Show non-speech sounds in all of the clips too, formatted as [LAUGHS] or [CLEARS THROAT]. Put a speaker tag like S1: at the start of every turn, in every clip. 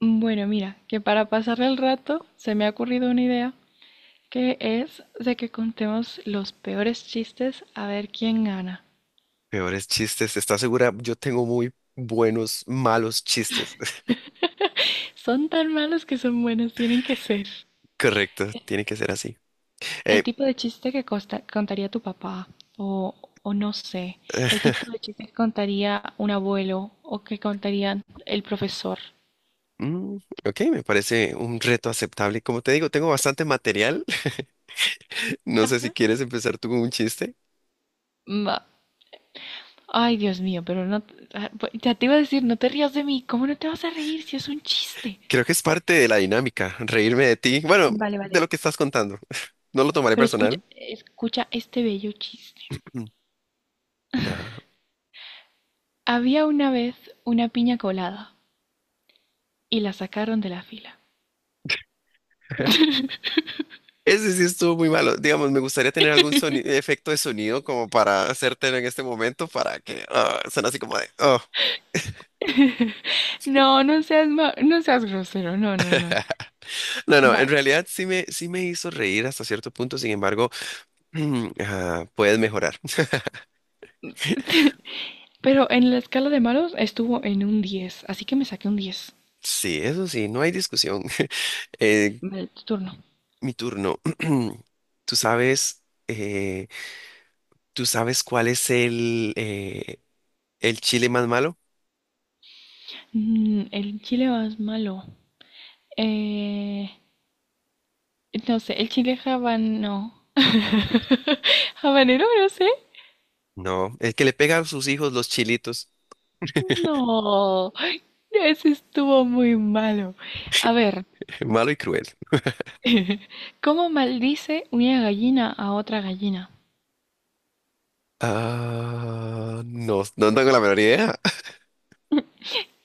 S1: Bueno, mira, que para pasar el rato se me ha ocurrido una idea, que es de que contemos los peores chistes a ver quién gana.
S2: Peores chistes, ¿estás segura? Yo tengo muy buenos, malos chistes. [LAUGHS]
S1: Son tan malos que son buenos, tienen que ser.
S2: Correcto, tiene que ser así.
S1: El
S2: Eh,
S1: tipo de chiste que contaría tu papá, o, o no sé, el
S2: [SIGHS]
S1: tipo de chiste que contaría un abuelo, o que contaría el profesor.
S2: mm, ok, me parece un reto aceptable. Como te digo, tengo bastante material. [LAUGHS] No sé si
S1: Ajá.
S2: quieres empezar tú con un chiste.
S1: Ma- Ay, Dios mío, pero no... Ya te iba a decir, no te rías de mí, ¿cómo no te vas a reír si es un chiste?
S2: Creo que es parte de la dinámica, reírme de ti. Bueno,
S1: Vale,
S2: de
S1: vale.
S2: lo que estás contando. [LAUGHS] No lo tomaré
S1: Pero escucha,
S2: personal.
S1: escucha este bello chiste.
S2: Mm. Ajá.
S1: Había una vez una piña colada y la sacaron de la fila.
S2: [LAUGHS] Ese sí estuvo muy malo. Digamos, me gustaría tener algún efecto de sonido como para hacértelo en este momento para que suene así como de "Ah".
S1: No, no seas grosero, no, no, no.
S2: No, no, en
S1: Va.
S2: realidad sí me hizo reír hasta cierto punto, sin embargo, [CLEARS THROAT] puedes mejorar. [LAUGHS]
S1: Pero en la escala de malos estuvo en un 10, así que me saqué un 10.
S2: Sí, eso sí, no hay discusión. [LAUGHS] Eh,
S1: Vale, tu turno.
S2: mi turno. [CLEARS THROAT] Tú sabes, eh, ¿tú sabes cuál es el chile más malo?
S1: Mm, el chile más malo. Eh, no sé, el chile habano. ¿Habanero? No sé.
S2: No, el que le pega a sus hijos los chilitos.
S1: No, ese estuvo muy malo. A ver.
S2: [LAUGHS] Malo y cruel.
S1: [LAUGHS] ¿Cómo maldice una gallina a otra gallina?
S2: Ah, no, no tengo la menor idea. [LAUGHS]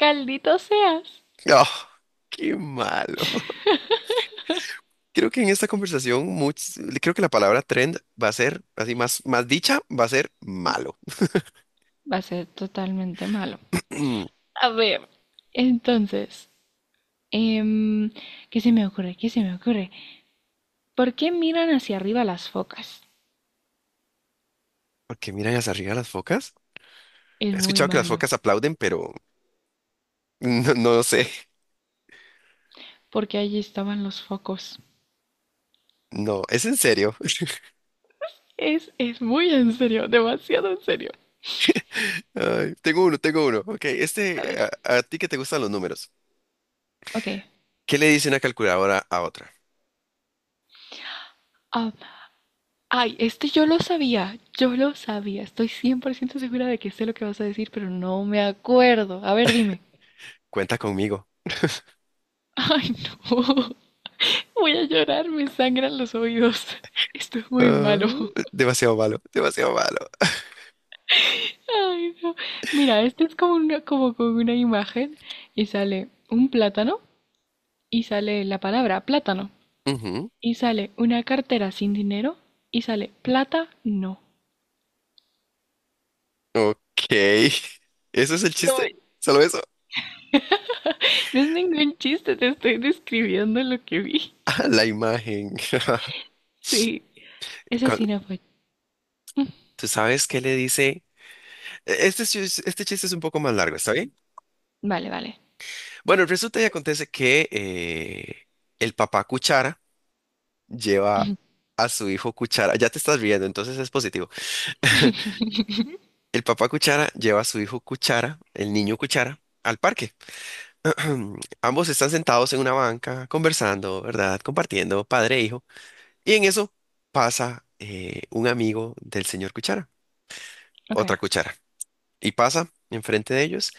S1: ¡Caldito seas!
S2: Oh, qué malo. Creo que en esta conversación, creo que la palabra trend va a ser, más dicha, va a ser malo.
S1: Va a ser totalmente malo.
S2: [CLEARS THROAT]
S1: A ver, entonces, em, ¿qué se me ocurre? ¿Qué se me ocurre? ¿Por qué miran hacia arriba las focas?
S2: Porque miran hacia arriba las focas. He
S1: Es muy
S2: escuchado que las
S1: malo,
S2: focas aplauden, pero [LAUGHS] no, no lo sé.
S1: porque allí estaban los focos.
S2: No, es en serio.
S1: Es muy en serio, demasiado en serio.
S2: [LAUGHS] Ay, tengo uno, tengo uno. Ok,
S1: A ver,
S2: a ti que te gustan los números.
S1: ok.
S2: ¿Qué le dice una calculadora a otra?
S1: Ah, ay, este yo lo sabía, yo lo sabía. Estoy 100% segura de que sé lo que vas a decir, pero no me acuerdo. A ver, dime.
S2: Cuenta conmigo.
S1: [LAUGHS] Ay, no. Voy a llorar, me sangran los oídos. Esto es muy
S2: Ah,
S1: malo.
S2: demasiado malo, demasiado malo.
S1: Ay, no. Mira, este es como una, como con una imagen y sale un plátano y sale la palabra plátano
S2: Ujú.
S1: y sale una cartera sin dinero y sale plata no.
S2: Ok. [LAUGHS] ¿Eso es el
S1: No,
S2: chiste? ¿Solo eso? [LAUGHS]
S1: no es ningún chiste, te estoy describiendo lo que vi.
S2: Ah, la imagen.
S1: Sí,
S2: [LAUGHS]
S1: ese
S2: Cuan-
S1: sí no fue. Mm,
S2: ¿Tú sabes qué le dice? Este, este chiste es un poco más largo, ¿está bien?
S1: Vale, vale.
S2: Bueno, resulta y acontece que el papá Cuchara lleva a su hijo Cuchara. Ya te estás riendo, entonces es positivo. [LAUGHS] El papá Cuchara lleva a su hijo Cuchara, el niño Cuchara, al parque. [CLEARS THROAT] Ambos están sentados en una banca, conversando, ¿verdad? Compartiendo, padre e hijo. Y en eso pasa un amigo del señor Cuchara,
S1: Ok.
S2: otra Cuchara, y pasa enfrente de ellos.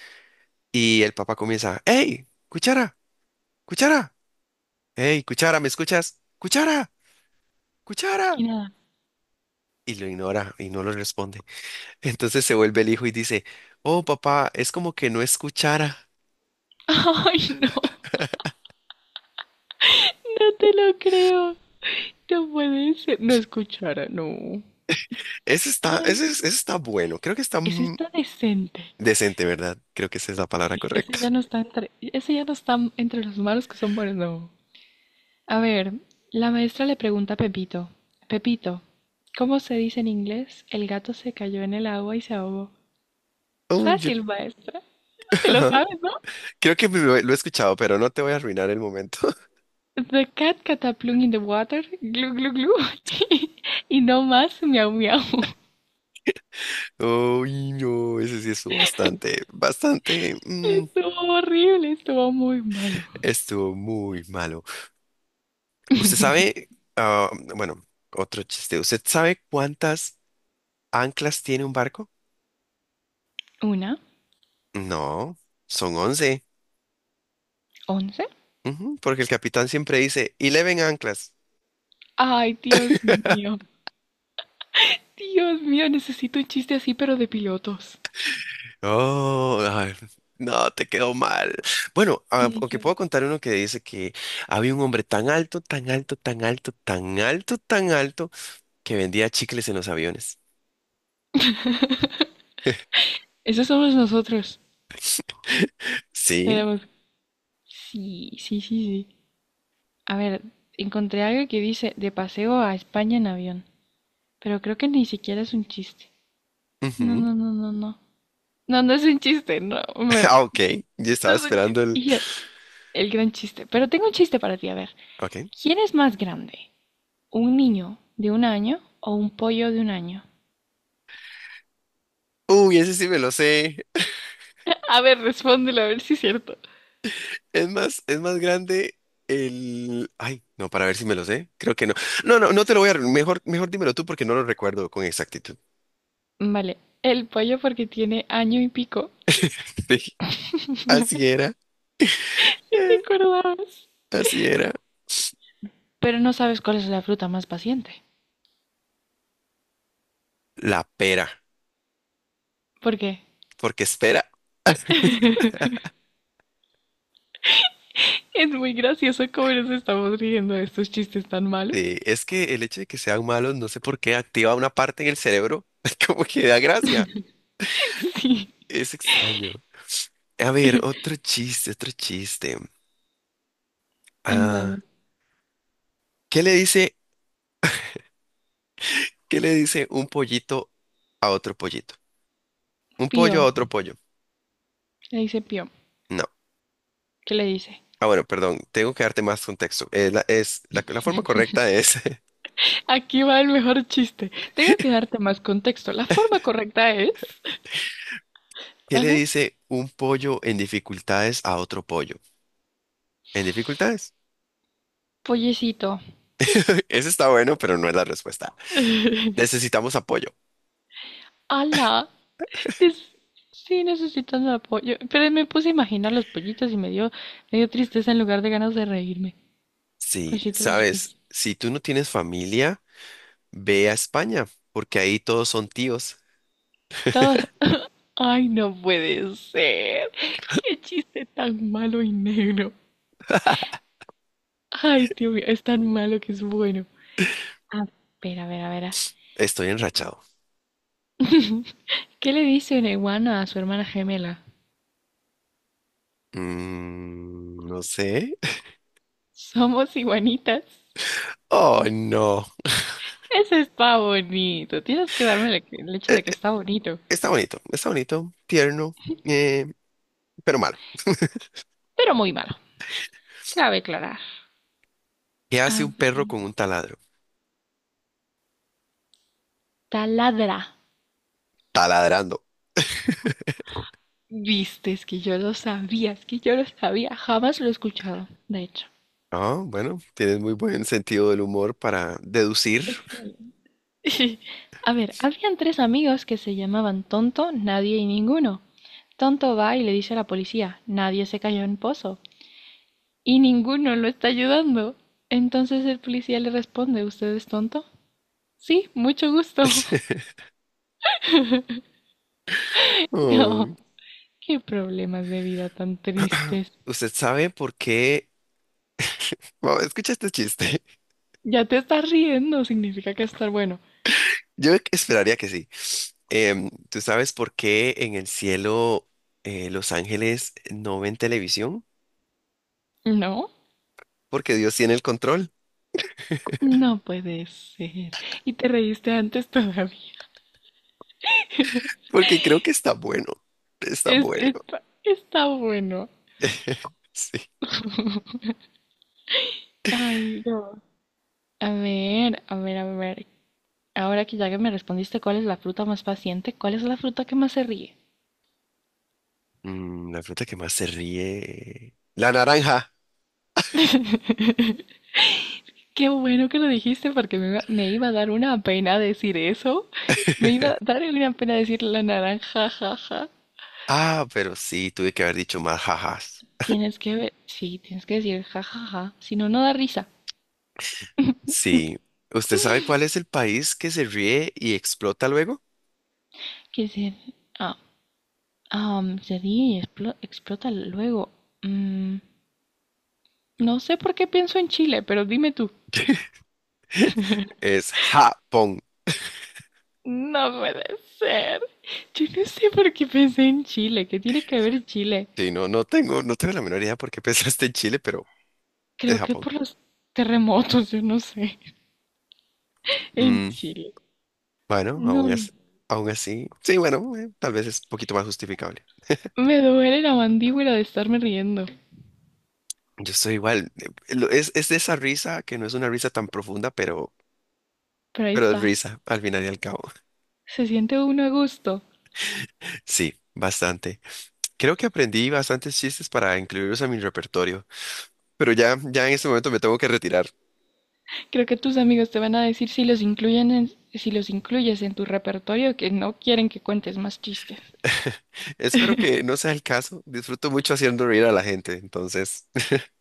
S2: Y el papá comienza, ¡Ey! ¡Cuchara! ¡Cuchara! ¡Ey! ¡Cuchara! ¿Me escuchas? ¡Cuchara! ¡Cuchara!
S1: Y nada.
S2: Y lo ignora y no lo responde. [LAUGHS] Entonces se vuelve el hijo y dice, Oh, papá, es como que no escuchara.
S1: [LAUGHS] Ay, no, no te lo creo. No puede ser. No es cuchara, no. Ay,
S2: Ese está bueno. Creo que está
S1: ese está decente.
S2: decente, ¿verdad? Creo que esa es la palabra
S1: Sí,
S2: correcta.
S1: ese ya no está entre los malos que son buenos, no. A
S2: [LAUGHS]
S1: ver, la maestra le pregunta a Pepito. Pepito, ¿cómo se dice en inglés? El gato se cayó en el agua y se ahogó.
S2: Uy, yo-
S1: Fácil, maestra.
S2: [LAUGHS]
S1: Te lo
S2: ajá.
S1: sabes, ¿no?
S2: Lo he escuchado, pero no te voy a arruinar el momento.
S1: The cat cataplum in the water, glu glu glu. [LAUGHS] Y no más, miau miau.
S2: Uy, no, ese sí estuvo bastante, bastante,
S1: Estuvo horrible, estuvo muy malo.
S2: estuvo muy malo. Usted sabe, ah, bueno, otro chiste, ¿usted sabe cuántas anclas tiene un barco?
S1: Una,
S2: No, son once.
S1: 11.
S2: Ujú, porque el capitán siempre dice, eleven anclas.
S1: Ay, Dios mío.
S2: [LAUGHS]
S1: Dios mío, necesito un chiste así, pero de pilotos.
S2: Oh, ay, no, te quedó mal. Bueno,
S1: Tiene
S2: aunque
S1: que...
S2: puedo contar uno que dice que había un hombre tan alto, tan alto, tan alto, tan alto, tan alto, que vendía chicles en los aviones.
S1: Esos somos nosotros.
S2: [LAUGHS] Sí,
S1: Tenemos... Sí, sí, sí, sí. A ver, encontré algo que dice de paseo a España en avión. Pero creo que ni siquiera es un chiste. No,
S2: Ujú. [LAUGHS]
S1: no, no, no, no. No, no es un chiste, no. me-
S2: Ah, ok. Yo estaba
S1: no es un
S2: esperando
S1: chiste.
S2: el.
S1: Y yo, el gran chiste. Pero tengo un chiste para ti, a ver.
S2: Ok.
S1: ¿Quién es más grande? ¿Un niño de 1 año o un pollo de 1 año?
S2: Uy, ese sí me lo sé.
S1: A ver, respóndelo, a ver si es cierto.
S2: Es más grande el. Ay, no, para ver si me lo sé. Creo que no. No, no, no te lo voy a. Mejor, mejor dímelo tú porque no lo recuerdo con exactitud.
S1: Vale, el pollo porque tiene año y pico.
S2: [LAUGHS] Así
S1: [LAUGHS]
S2: era.
S1: ¿Sí te
S2: eh,
S1: acordabas?
S2: Así era.
S1: Pero no sabes cuál es la fruta más paciente.
S2: La pera.
S1: ¿Por qué?
S2: Porque espera. [LAUGHS]
S1: Es muy gracioso cómo nos estamos riendo de estos chistes tan malos.
S2: Sí, es que el hecho de que sean malos, no sé por qué, activa una parte en el cerebro, [LAUGHS] como que da gracia.
S1: [LAUGHS] Sí.
S2: Es extraño. A ver, otro chiste, otro chiste.
S1: En dado.
S2: Ah, ¿Qué le dice, ¿qué le dice un pollito a otro pollito? Un pollo a
S1: Pío.
S2: otro pollo.
S1: Le dice Pío.
S2: No.
S1: ¿Qué le dice?
S2: Ah, bueno, perdón, tengo que darte más contexto. La forma correcta es,
S1: Aquí va el mejor chiste. Tengo que darte más contexto. La forma correcta es...
S2: [LAUGHS] ¿qué le
S1: Ajá.
S2: dice un pollo en dificultades a otro pollo? ¿En dificultades?
S1: Pollecito.
S2: [LAUGHS] Ese está bueno, pero no es la respuesta. Necesitamos apoyo.
S1: Ala. Es- Sí, necesitas apoyo. Pero me puse a imaginar los pollitos y me dio, tristeza en lugar de ganas de reírme.
S2: Sí,
S1: Pollitos,
S2: sabes, si tú no tienes familia, ve a España, porque ahí todos son tíos.
S1: pollitos. Ay, no puede ser. Qué chiste tan malo y negro. Ay, tío mío, es tan malo que es bueno. A ver, a ver, a ver.
S2: Estoy enrachado.
S1: ¿Qué le dice una iguana a su hermana gemela?
S2: Mm, no sé. [LAUGHS]
S1: Somos iguanitas.
S2: Oh, no.
S1: Ese está bonito. Tienes que darme el hecho
S2: Eh,
S1: de que está bonito.
S2: Está bonito, tierno, eh, pero malo.
S1: Pero muy malo. Cabe aclarar.
S2: ¿Qué hace
S1: A
S2: un
S1: ver.
S2: perro con un taladro?
S1: Taladra.
S2: Taladrando.
S1: Viste, es que yo lo sabía, es que yo lo sabía. Jamás lo he escuchado, de hecho.
S2: Ah, bueno, tienes muy buen sentido del humor para deducir.
S1: Excelente. [LAUGHS] A ver, habían tres amigos que se llamaban Tonto, Nadie y Ninguno. Tonto va y le dice a la policía, Nadie se cayó en pozo y ninguno lo está ayudando. Entonces el policía le responde, ¿usted es tonto? Sí, mucho gusto. [LAUGHS]
S2: [LAUGHS]
S1: No,
S2: Ay,
S1: qué problemas de vida tan tristes.
S2: ¿Usted sabe por qué? Bueno, escucha este chiste.
S1: Ya te estás riendo, significa que estar bueno.
S2: [LAUGHS] Yo esperaría que sí. Em, ¿tú sabes por qué en el cielo los ángeles no ven televisión?
S1: No,
S2: Porque Dios tiene el control.
S1: no puede ser. Y te reíste antes todavía.
S2: Porque creo que está bueno. Está
S1: Es,
S2: bueno.
S1: está, está bueno.
S2: [LAUGHS] Sí.
S1: Ay, no. A ver, a ver, a ver. Ahora que ya que me respondiste cuál es la fruta más paciente, ¿cuál es la fruta que más se ríe?
S2: Mm, la fruta que más se ríe. La naranja.
S1: Qué bueno que lo dijiste porque me iba a dar una pena decir eso. Me iba a dar una pena decir la naranja, jaja.
S2: Ah, pero sí, tuve que haber dicho más jajas.
S1: Tienes que ver, sí, tienes que decir jajaja, si no, no da risa.
S2: Sí. ¿Usted sabe cuál es el país que se ríe y explota luego?
S1: Que se, ah, ah, se ríe y explota luego. Mm, no sé por qué pienso en Chile, pero dime tú.
S2: [LAUGHS] Es Japón.
S1: No puede ser. Yo no sé por qué pensé en Chile. ¿Qué tiene que ver Chile?
S2: Sí, no, no tengo, no tengo la menor idea por qué pensaste en Chile, pero es
S1: Creo que
S2: Japón.
S1: por los terremotos, yo no sé. En
S2: Mm,
S1: Chile.
S2: bueno,
S1: No,
S2: aún así. Sí, bueno, tal vez es un poquito más justificable.
S1: me duele la mandíbula de estarme riendo.
S2: Yo soy igual. Es de esa risa que no es una risa tan profunda,
S1: Pero ahí
S2: pero es
S1: está.
S2: risa al final y al cabo.
S1: Se siente uno a gusto.
S2: [LAUGHS] Sí, bastante. Creo que aprendí bastantes chistes para incluirlos a mi repertorio, pero ya en este momento me tengo que retirar.
S1: Creo que tus amigos te van a decir si si los incluyes en tu repertorio que no quieren que cuentes más chistes.
S2: [LAUGHS] Espero que no sea el caso. Disfruto mucho haciendo reír a la gente, entonces. [LAUGHS]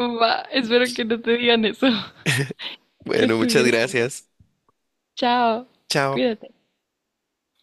S1: Va, espero que no te digan eso. [LAUGHS] Que
S2: Bueno, muchas
S1: estuvieron buenos.
S2: gracias.
S1: Chao.
S2: Chao.
S1: Cuídate.